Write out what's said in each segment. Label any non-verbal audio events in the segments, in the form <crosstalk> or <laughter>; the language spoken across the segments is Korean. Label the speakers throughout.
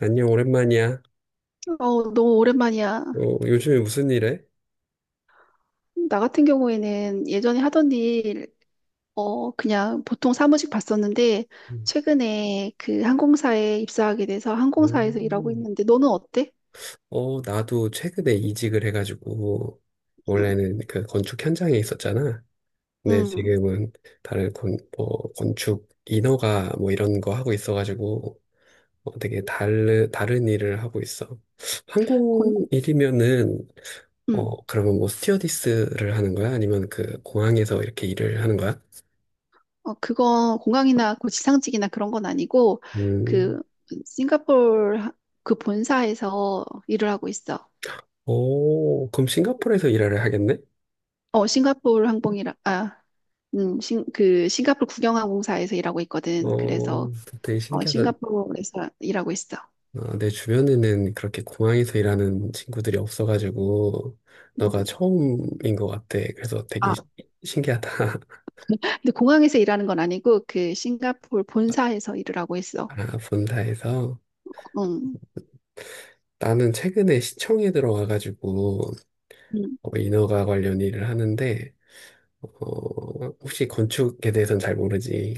Speaker 1: 안녕, 오랜만이야.
Speaker 2: 어, 너무 오랜만이야.
Speaker 1: 어, 요즘에 무슨 일 해?
Speaker 2: 나 같은 경우에는 예전에 하던 일, 그냥 보통 사무직 봤었는데,
Speaker 1: 음.
Speaker 2: 최근에 그 항공사에 입사하게 돼서 항공사에서 일하고 있는데, 너는 어때?
Speaker 1: 오. 어, 나도 최근에 이직을 해가지고,
Speaker 2: 응,
Speaker 1: 원래는 그 건축 현장에 있었잖아. 근데
Speaker 2: 응,
Speaker 1: 지금은 다른 건, 뭐, 건축 인허가 뭐 이런 거 하고 있어가지고, 어, 되게 다른 일을 하고 있어.
Speaker 2: 건,
Speaker 1: 항공 일이면은,
Speaker 2: 응.
Speaker 1: 어, 그러면 뭐 스튜어디스를 하는 거야? 아니면 그 공항에서 이렇게 일을 하는 거야?
Speaker 2: 어, 그거 공항이나 그 지상직이나 그런 건 아니고,
Speaker 1: 음,
Speaker 2: 그, 싱가포르 하- 그 본사에서 일을 하고 있어.
Speaker 1: 오, 그럼 싱가포르에서 일을 하겠네?
Speaker 2: 어, 싱가포르 항공이라, 아, 그 싱가포르 국영항공사에서 일하고 있거든.
Speaker 1: 어,
Speaker 2: 그래서
Speaker 1: 되게 신기하다.
Speaker 2: 싱가포르에서 일하고 있어.
Speaker 1: 어, 내 주변에는 그렇게 공항에서 일하는 친구들이 없어가지고,
Speaker 2: 음.
Speaker 1: 너가 처음인 것 같아.
Speaker 2: 아,
Speaker 1: 신기하다. <laughs>
Speaker 2: 근데 공항에서 일하는 건 아니고 그 싱가포르 본사에서 일을 하고 있어.
Speaker 1: 아, 본사에서.
Speaker 2: 응.
Speaker 1: 나는 최근에 시청에 들어와가지고,
Speaker 2: 음.
Speaker 1: 어, 인허가 관련 일을 하는데, 어, 혹시 건축에 대해서는 잘 모르지?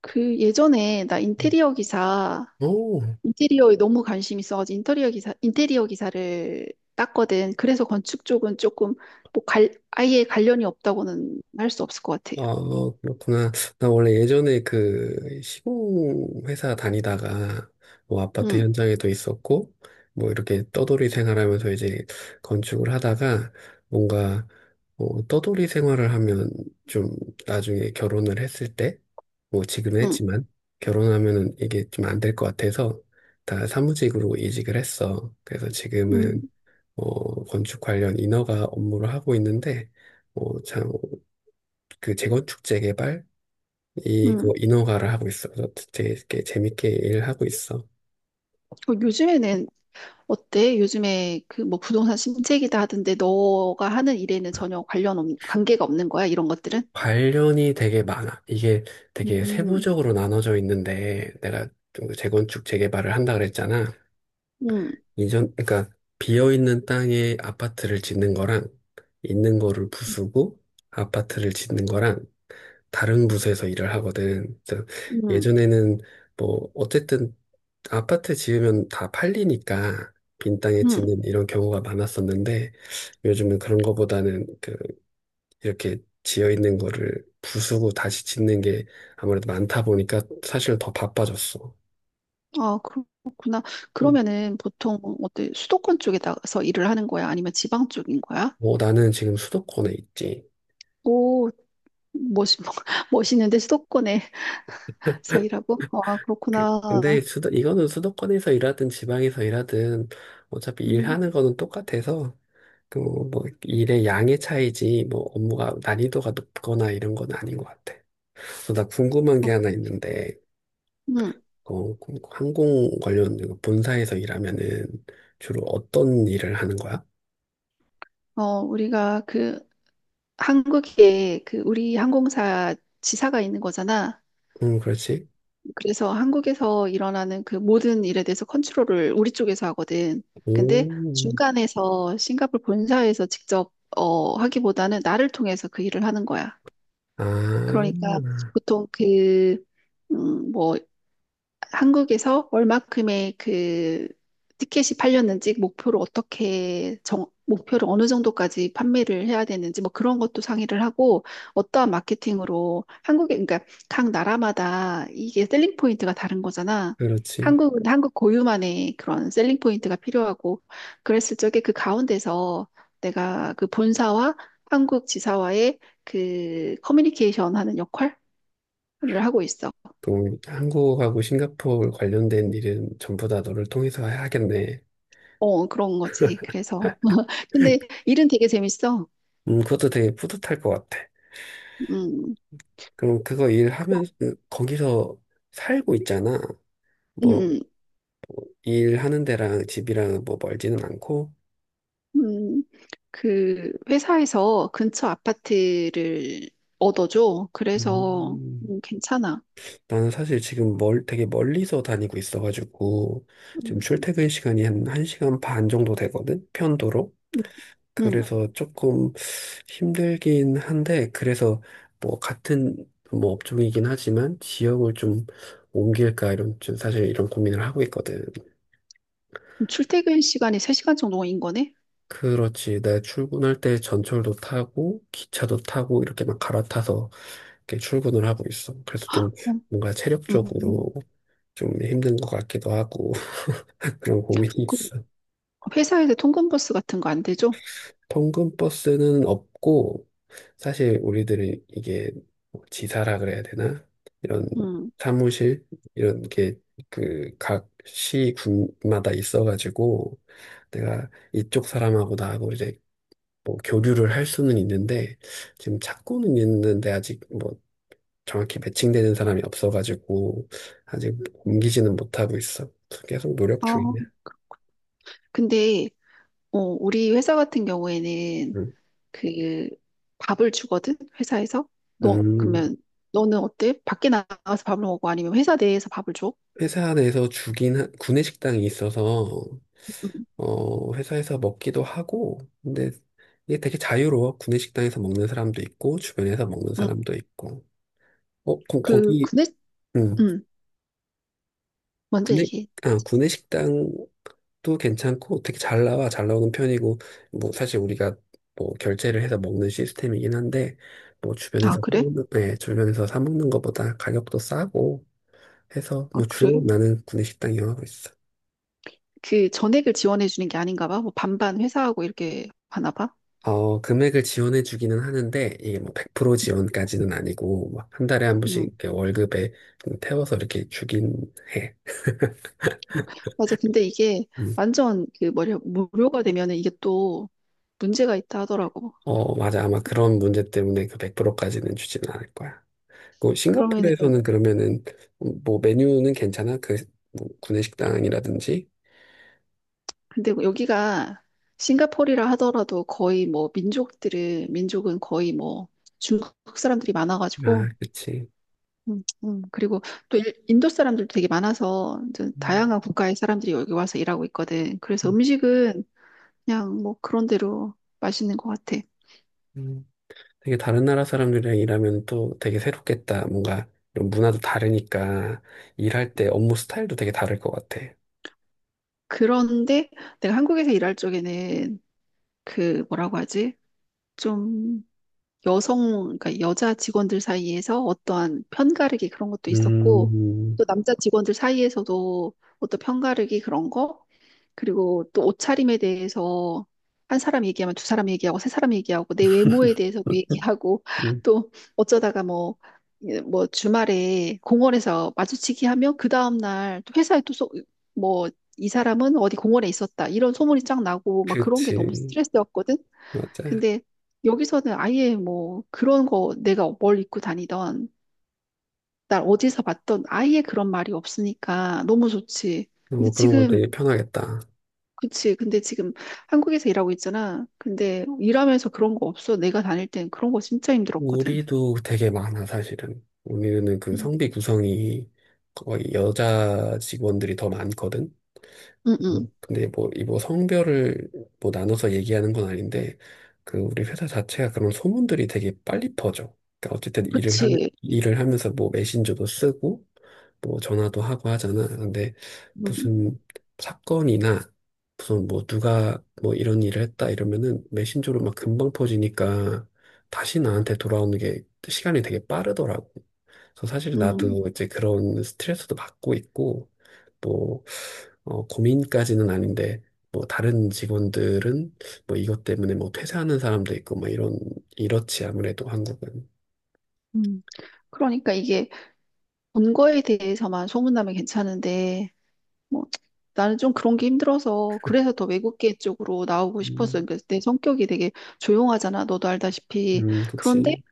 Speaker 2: 그 예전에 나
Speaker 1: 음. 오.
Speaker 2: 인테리어에 너무 관심 있어가지고 인테리어 기사를 땄거든. 그래서 건축 쪽은 조금 뭐 아예 관련이 없다고는 할 수 없을 것 같아.
Speaker 1: 아, 그렇구나. 나 원래 예전에 그 시공 회사 다니다가 뭐 아파트
Speaker 2: 응,
Speaker 1: 현장에도 있었고 뭐 이렇게 떠돌이 생활하면서 이제 건축을 하다가 뭔가 어, 떠돌이 생활을 하면 좀 나중에 결혼을 했을 때 뭐 지금
Speaker 2: 응,
Speaker 1: 했지만 결혼하면은 이게 좀 안 될 것 같아서 다 사무직으로 이직을 했어. 그래서 지금은
Speaker 2: 응,
Speaker 1: 어, 건축 관련 인허가 업무를 하고 있는데 어, 참 그 재건축 재개발 이거
Speaker 2: 응.
Speaker 1: 인허가를 하고 있어. 그래서 되게, 이렇게 재밌게 일을 하고 있어.
Speaker 2: 요즘에는 어때? 요즘에 그 뭐 부동산 심책기다 하던데 너가 하는 일에는 전혀 관계가 없는 거야? 이런 것들은?
Speaker 1: 관련이 되게 많아. 이게 되게
Speaker 2: 음,
Speaker 1: 세부적으로 나눠져 있는데 내가 좀그 재건축 재개발을 한다 그랬잖아.
Speaker 2: 음, 음,
Speaker 1: 이전 그러니까 비어 있는 땅에 아파트를 짓는 거랑 있는 거를 부수고 아파트를 짓는 거랑 다른 부서에서 일을 하거든. 그래서
Speaker 2: 음.
Speaker 1: 예전에는 뭐 어쨌든 아파트 지으면 다 팔리니까 빈 땅에
Speaker 2: 음. 음.
Speaker 1: 짓는 이런 경우가 많았었는데 요즘은 그런 거보다는 그 이렇게 지어 있는 거를 부수고 다시 짓는 게 아무래도 많다 보니까 사실 더 바빠졌어.
Speaker 2: 아, 그렇구나.
Speaker 1: 음,
Speaker 2: 그러면은 보통 어때? 수도권 쪽에다가서 일을 하는 거야? 아니면 지방 쪽인 거야?
Speaker 1: 뭐 나는 지금 수도권에 있지.
Speaker 2: 오, 멋있, <laughs> 멋있는데 수도권에서 일하고? 아,
Speaker 1: 근데
Speaker 2: 그렇구나.
Speaker 1: 수도 이거는 수도권에서 일하든 지방에서 일하든 어차피
Speaker 2: 음,
Speaker 1: 일하는 거는 똑같아서 그뭐 일의 양의 차이지 뭐 업무가 난이도가 높거나 이런 건 아닌 것 같아. 그래서 나 궁금한
Speaker 2: 어,
Speaker 1: 게 하나 있는데
Speaker 2: 음,
Speaker 1: 어, 그럼 항공 관련 그 본사에서 일하면은 주로 어떤 일을 하는 거야?
Speaker 2: 우리가 그 한국에 그 우리 항공사 지사가 있는 거잖아.
Speaker 1: 그렇지.
Speaker 2: 그래서 한국에서 일어나는 그 모든 일에 대해서 컨트롤을 우리 쪽에서 하거든. 근데
Speaker 1: 오,
Speaker 2: 중간에서 싱가포르 본사에서 직접 하기보다는 나를 통해서 그 일을 하는 거야. 그러니까
Speaker 1: 아,
Speaker 2: 보통 그, 뭐 한국에서 얼마큼의 그 티켓이 팔렸는지 목표를 어느 정도까지 판매를 해야 되는지 뭐 그런 것도 상의를 하고 어떠한 마케팅으로 한국에 그러니까 각 나라마다 이게 셀링 포인트가 다른 거잖아.
Speaker 1: 그렇지.
Speaker 2: 한국은 한국 고유만의 그런 셀링 포인트가 필요하고 그랬을 적에 그 가운데서 내가 그 본사와 한국 지사와의 그 커뮤니케이션 하는 역할을 하고 있어.
Speaker 1: 그럼 한국하고 싱가포르 관련된 일은 전부 다 너를 통해서 해야겠네.
Speaker 2: 어, 그런 거지. 그래서 근데 일은 되게 재밌어.
Speaker 1: 그것도 되게 뿌듯할 것 같아.
Speaker 2: 음,
Speaker 1: 그럼 그거
Speaker 2: 그,
Speaker 1: 일하면, 거기서 살고 있잖아.
Speaker 2: 음,
Speaker 1: 뭐,
Speaker 2: 음,
Speaker 1: 일하는 데랑 집이랑 뭐 멀지는 않고.
Speaker 2: 음. 그 회사에서 근처 아파트를 얻어줘. 그래서
Speaker 1: 음.
Speaker 2: 괜찮아.
Speaker 1: 나는 사실 지금 되게 멀리서 다니고 있어가지고, 지금
Speaker 2: 음,
Speaker 1: 출퇴근 시간이 한 1시간 반 정도 되거든? 편도로.
Speaker 2: 음. 음.
Speaker 1: 그래서 조금 힘들긴 한데, 그래서 뭐 같은 뭐 업종이긴 하지만, 지역을 좀 옮길까, 이런, 좀 사실 이런 고민을 하고 있거든.
Speaker 2: 출퇴근 시간이 3시간 정도인 거네?
Speaker 1: 그렇지. 나 출근할 때 전철도 타고, 기차도 타고, 이렇게 막 갈아타서 이렇게 출근을 하고 있어. 그래서 좀
Speaker 2: 어,
Speaker 1: 뭔가
Speaker 2: 음.
Speaker 1: 체력적으로 좀 힘든 것 같기도 하고, 그런 고민이
Speaker 2: 그
Speaker 1: 있어.
Speaker 2: 회사에서 통근버스 같은 거 안 되죠?
Speaker 1: 통근버스는 없고, 사실 우리들은 이게 뭐 지사라 그래야 되나? 이런
Speaker 2: 음.
Speaker 1: 사무실, 이런 게 그 각 시군마다 있어가지고, 내가 이쪽 사람하고 나하고 이제 뭐 교류를 할 수는 있는데, 지금 찾고는 있는데 아직 뭐 정확히 매칭되는 사람이 없어가지고, 아직 옮기지는 못하고 있어. 계속 노력 중이야.
Speaker 2: 아, 근데 우리 회사 같은 경우에는
Speaker 1: 응.
Speaker 2: 그 밥을 주거든 회사에서 너
Speaker 1: 음.
Speaker 2: 그러면 너는 어때? 밖에 나가서 밥을 먹고 아니면 회사 내에서 밥을 줘?
Speaker 1: 회사 내에서 주긴 한- 구내식당이 있어서
Speaker 2: 응,
Speaker 1: 어 회사에서 먹기도 하고 근데 이게 되게 자유로워 구내식당에서 먹는 사람도 있고 주변에서 먹는
Speaker 2: 응.
Speaker 1: 사람도 있고 어 거기
Speaker 2: 근데
Speaker 1: 음
Speaker 2: 응 먼저
Speaker 1: 구내
Speaker 2: 얘기해.
Speaker 1: 아 구내식당도 괜찮고 되게 잘 나오는 편이고 뭐 사실 우리가 뭐 결제를 해서 먹는 시스템이긴 한데 뭐
Speaker 2: 아
Speaker 1: 주변에서 사
Speaker 2: 그래?
Speaker 1: 먹는 네, 주변에서 사 먹는 것보다 가격도 싸고 해서
Speaker 2: 아
Speaker 1: 뭐 주로
Speaker 2: 그래?
Speaker 1: 나는 구내식당 이용하고 있어.
Speaker 2: 그 전액을 지원해 주는 게 아닌가 봐. 뭐 반반 회사하고 이렇게 하나 봐.
Speaker 1: 어, 금액을 지원해 주기는 하는데, 이게 뭐 100% 지원까지는 아니고, 막 한 달에 한 번씩
Speaker 2: 응
Speaker 1: 이렇게 월급에 좀 태워서 이렇게 주긴 해.
Speaker 2: 맞아. 근데 이게
Speaker 1: 음.
Speaker 2: 완전 그 뭐냐 무료가 되면은 이게 또 문제가 있다 하더라고.
Speaker 1: 어, 맞아. 아마
Speaker 2: 응.
Speaker 1: 그런 문제 때문에 그 100%까지는 주지는 않을 거야. 그
Speaker 2: 그러면은
Speaker 1: 싱가포르에서는 그러면은, 뭐 메뉴는 괜찮아? 그, 뭐 구내식당이라든지?
Speaker 2: 근데 여기가 싱가포르라 하더라도 거의 뭐 민족들은 민족은 거의 뭐 중국 사람들이
Speaker 1: 아,
Speaker 2: 많아가지고
Speaker 1: 그치.
Speaker 2: 그리고 또 인도 사람들도 되게 많아서 이제
Speaker 1: 음,
Speaker 2: 다양한 국가의 사람들이 여기 와서 일하고 있거든. 그래서
Speaker 1: 음,
Speaker 2: 음식은 그냥 뭐 그런 대로 맛있는 것 같아.
Speaker 1: 음. 되게 다른 나라 사람들이랑 일하면 또 되게 새롭겠다. 뭔가 이런 문화도 다르니까, 일할 때 업무 스타일도 되게 다를 것 같아.
Speaker 2: 그런데 내가 한국에서 일할 적에는 그 뭐라고 하지? 좀, 그러니까 여자 직원들 사이에서 어떠한 편가르기 그런 것도 있었고,
Speaker 1: 음,
Speaker 2: 또 남자 직원들 사이에서도 어떤 편가르기 그런 거, 그리고 또 옷차림에 대해서 한 사람 얘기하면 두 사람 얘기하고 세 사람 얘기하고 내 외모에 대해서도 얘기하고
Speaker 1: 음,
Speaker 2: <laughs> 또 어쩌다가 뭐, 예, 뭐 주말에 공원에서 마주치기 하면 그 다음날 또 회사에 또 뭐, 이 사람은 어디 공원에 있었다. 이런 소문이 쫙 나고 막 그런 게 너무
Speaker 1: 그치.
Speaker 2: 스트레스였거든.
Speaker 1: 맞아.
Speaker 2: 근데 여기서는 아예 뭐 그런 거 내가 뭘 입고 다니던 날 어디서 봤던 아예 그런 말이 없으니까 너무 좋지. 근데
Speaker 1: 뭐 그런 거
Speaker 2: 지금
Speaker 1: 되게 편하겠다.
Speaker 2: 그치. 근데 지금 한국에서 일하고 있잖아. 근데 일하면서 그런 거 없어. 내가 다닐 땐 그런 거 진짜 힘들었거든.
Speaker 1: 우리도 되게 많아, 사실은. 우리는 그
Speaker 2: 응,
Speaker 1: 성비 구성이 거의 여자 직원들이 더 많거든.
Speaker 2: 응. 응.
Speaker 1: 뭐, 근데 뭐, 이 뭐 성별을 뭐 나눠서 얘기하는 건 아닌데, 그 우리 회사 자체가 그런 소문들이 되게 빨리 퍼져. 그러니까 어쨌든
Speaker 2: 그치.
Speaker 1: 일을 하면서 뭐 메신저도 쓰고, 뭐 전화도 하고 하잖아. 근데
Speaker 2: 응,
Speaker 1: 무슨 사건이나 무슨 뭐 누가 뭐 이런 일을 했다 이러면은 메신저로 막 금방 퍼지니까 다시 나한테 돌아오는 게 시간이 되게 빠르더라고. 그래서 사실
Speaker 2: 응,
Speaker 1: 나도 이제 그런 스트레스도 받고 있고, 뭐, 어, 고민까지는 아닌데, 뭐, 다른 직원들은 뭐 이것 때문에 뭐 퇴사하는 사람도 있고, 뭐 이런, 이렇지, 아무래도 한국은.
Speaker 2: 응. 그러니까 이게 본 거에 대해서만 소문나면 괜찮은데 뭐, 나는 좀 그런 게 힘들어서 그래서 더 외국계 쪽으로 나오고
Speaker 1: 음,
Speaker 2: 싶었어요. 그러니까 내 성격이 되게 조용하잖아. 너도 알다시피. 그런데
Speaker 1: 그치.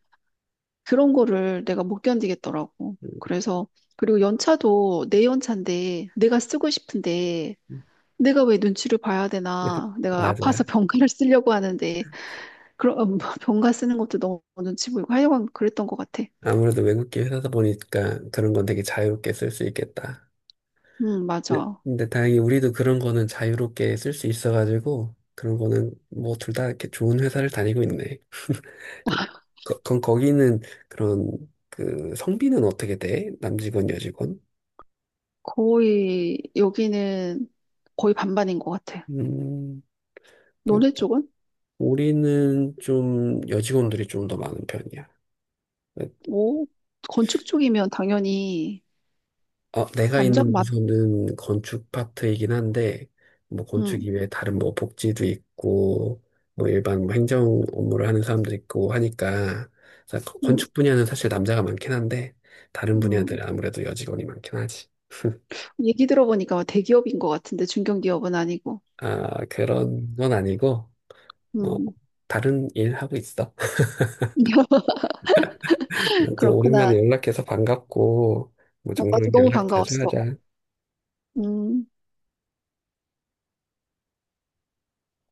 Speaker 2: 그런 거를 내가 못 견디겠더라고.
Speaker 1: 음,
Speaker 2: 그래서 그리고 연차도 내 연차인데 내가 쓰고 싶은데 내가 왜 눈치를 봐야
Speaker 1: <laughs>
Speaker 2: 되나? 내가 아파서
Speaker 1: 맞아.
Speaker 2: <laughs> 병가를 쓰려고 하는데 그런 <laughs> 병가 쓰는 것도 너무 눈치 보이고 하여간 그랬던 것 같아.
Speaker 1: 아무래도 외국계 회사다 보니까 그런 건 되게 자유롭게 쓸 수 있겠다.
Speaker 2: 맞아.
Speaker 1: 근데 다행히 우리도 그런 거는 자유롭게 쓸 수 있어가지고 그런 거는 뭐 둘 다 이렇게 좋은 회사를 다니고 있네. <laughs> 그, 거, 건 거기는 그런 그 성비는 어떻게 돼? 남직원, 여직원?
Speaker 2: 거의 여기는 거의 반반인 것 같아.
Speaker 1: 음, 그-
Speaker 2: 너네 쪽은?
Speaker 1: 우리는 좀 여직원들이 좀 더 많은 편이야.
Speaker 2: 오, 건축 쪽이면 당연히
Speaker 1: 어, 내가
Speaker 2: 남자
Speaker 1: 있는
Speaker 2: 맞,
Speaker 1: 부서는 건축 파트이긴 한데, 뭐 건축
Speaker 2: 음,
Speaker 1: 이외에 다른 뭐 복지도 있고, 뭐 일반 뭐 행정 업무를 하는 사람도 있고 하니까, 그래서
Speaker 2: 음,
Speaker 1: 건축 분야는 사실 남자가 많긴 한데, 다른
Speaker 2: 음.
Speaker 1: 분야들은 아무래도 여직원이 많긴 하지.
Speaker 2: 얘기 들어보니까 대기업인 것 같은데 중견기업은 아니고,
Speaker 1: 아, 그런 건 아니고, 어,
Speaker 2: 음,
Speaker 1: 다른 일 하고 있어.
Speaker 2: <laughs>
Speaker 1: <laughs> 아무튼 오랜만에
Speaker 2: 그렇구나.
Speaker 1: 연락해서 반갑고, 뭐
Speaker 2: 어, 나도
Speaker 1: 종종
Speaker 2: 너무
Speaker 1: 연락 자주
Speaker 2: 반가웠어.
Speaker 1: 하자.
Speaker 2: 음.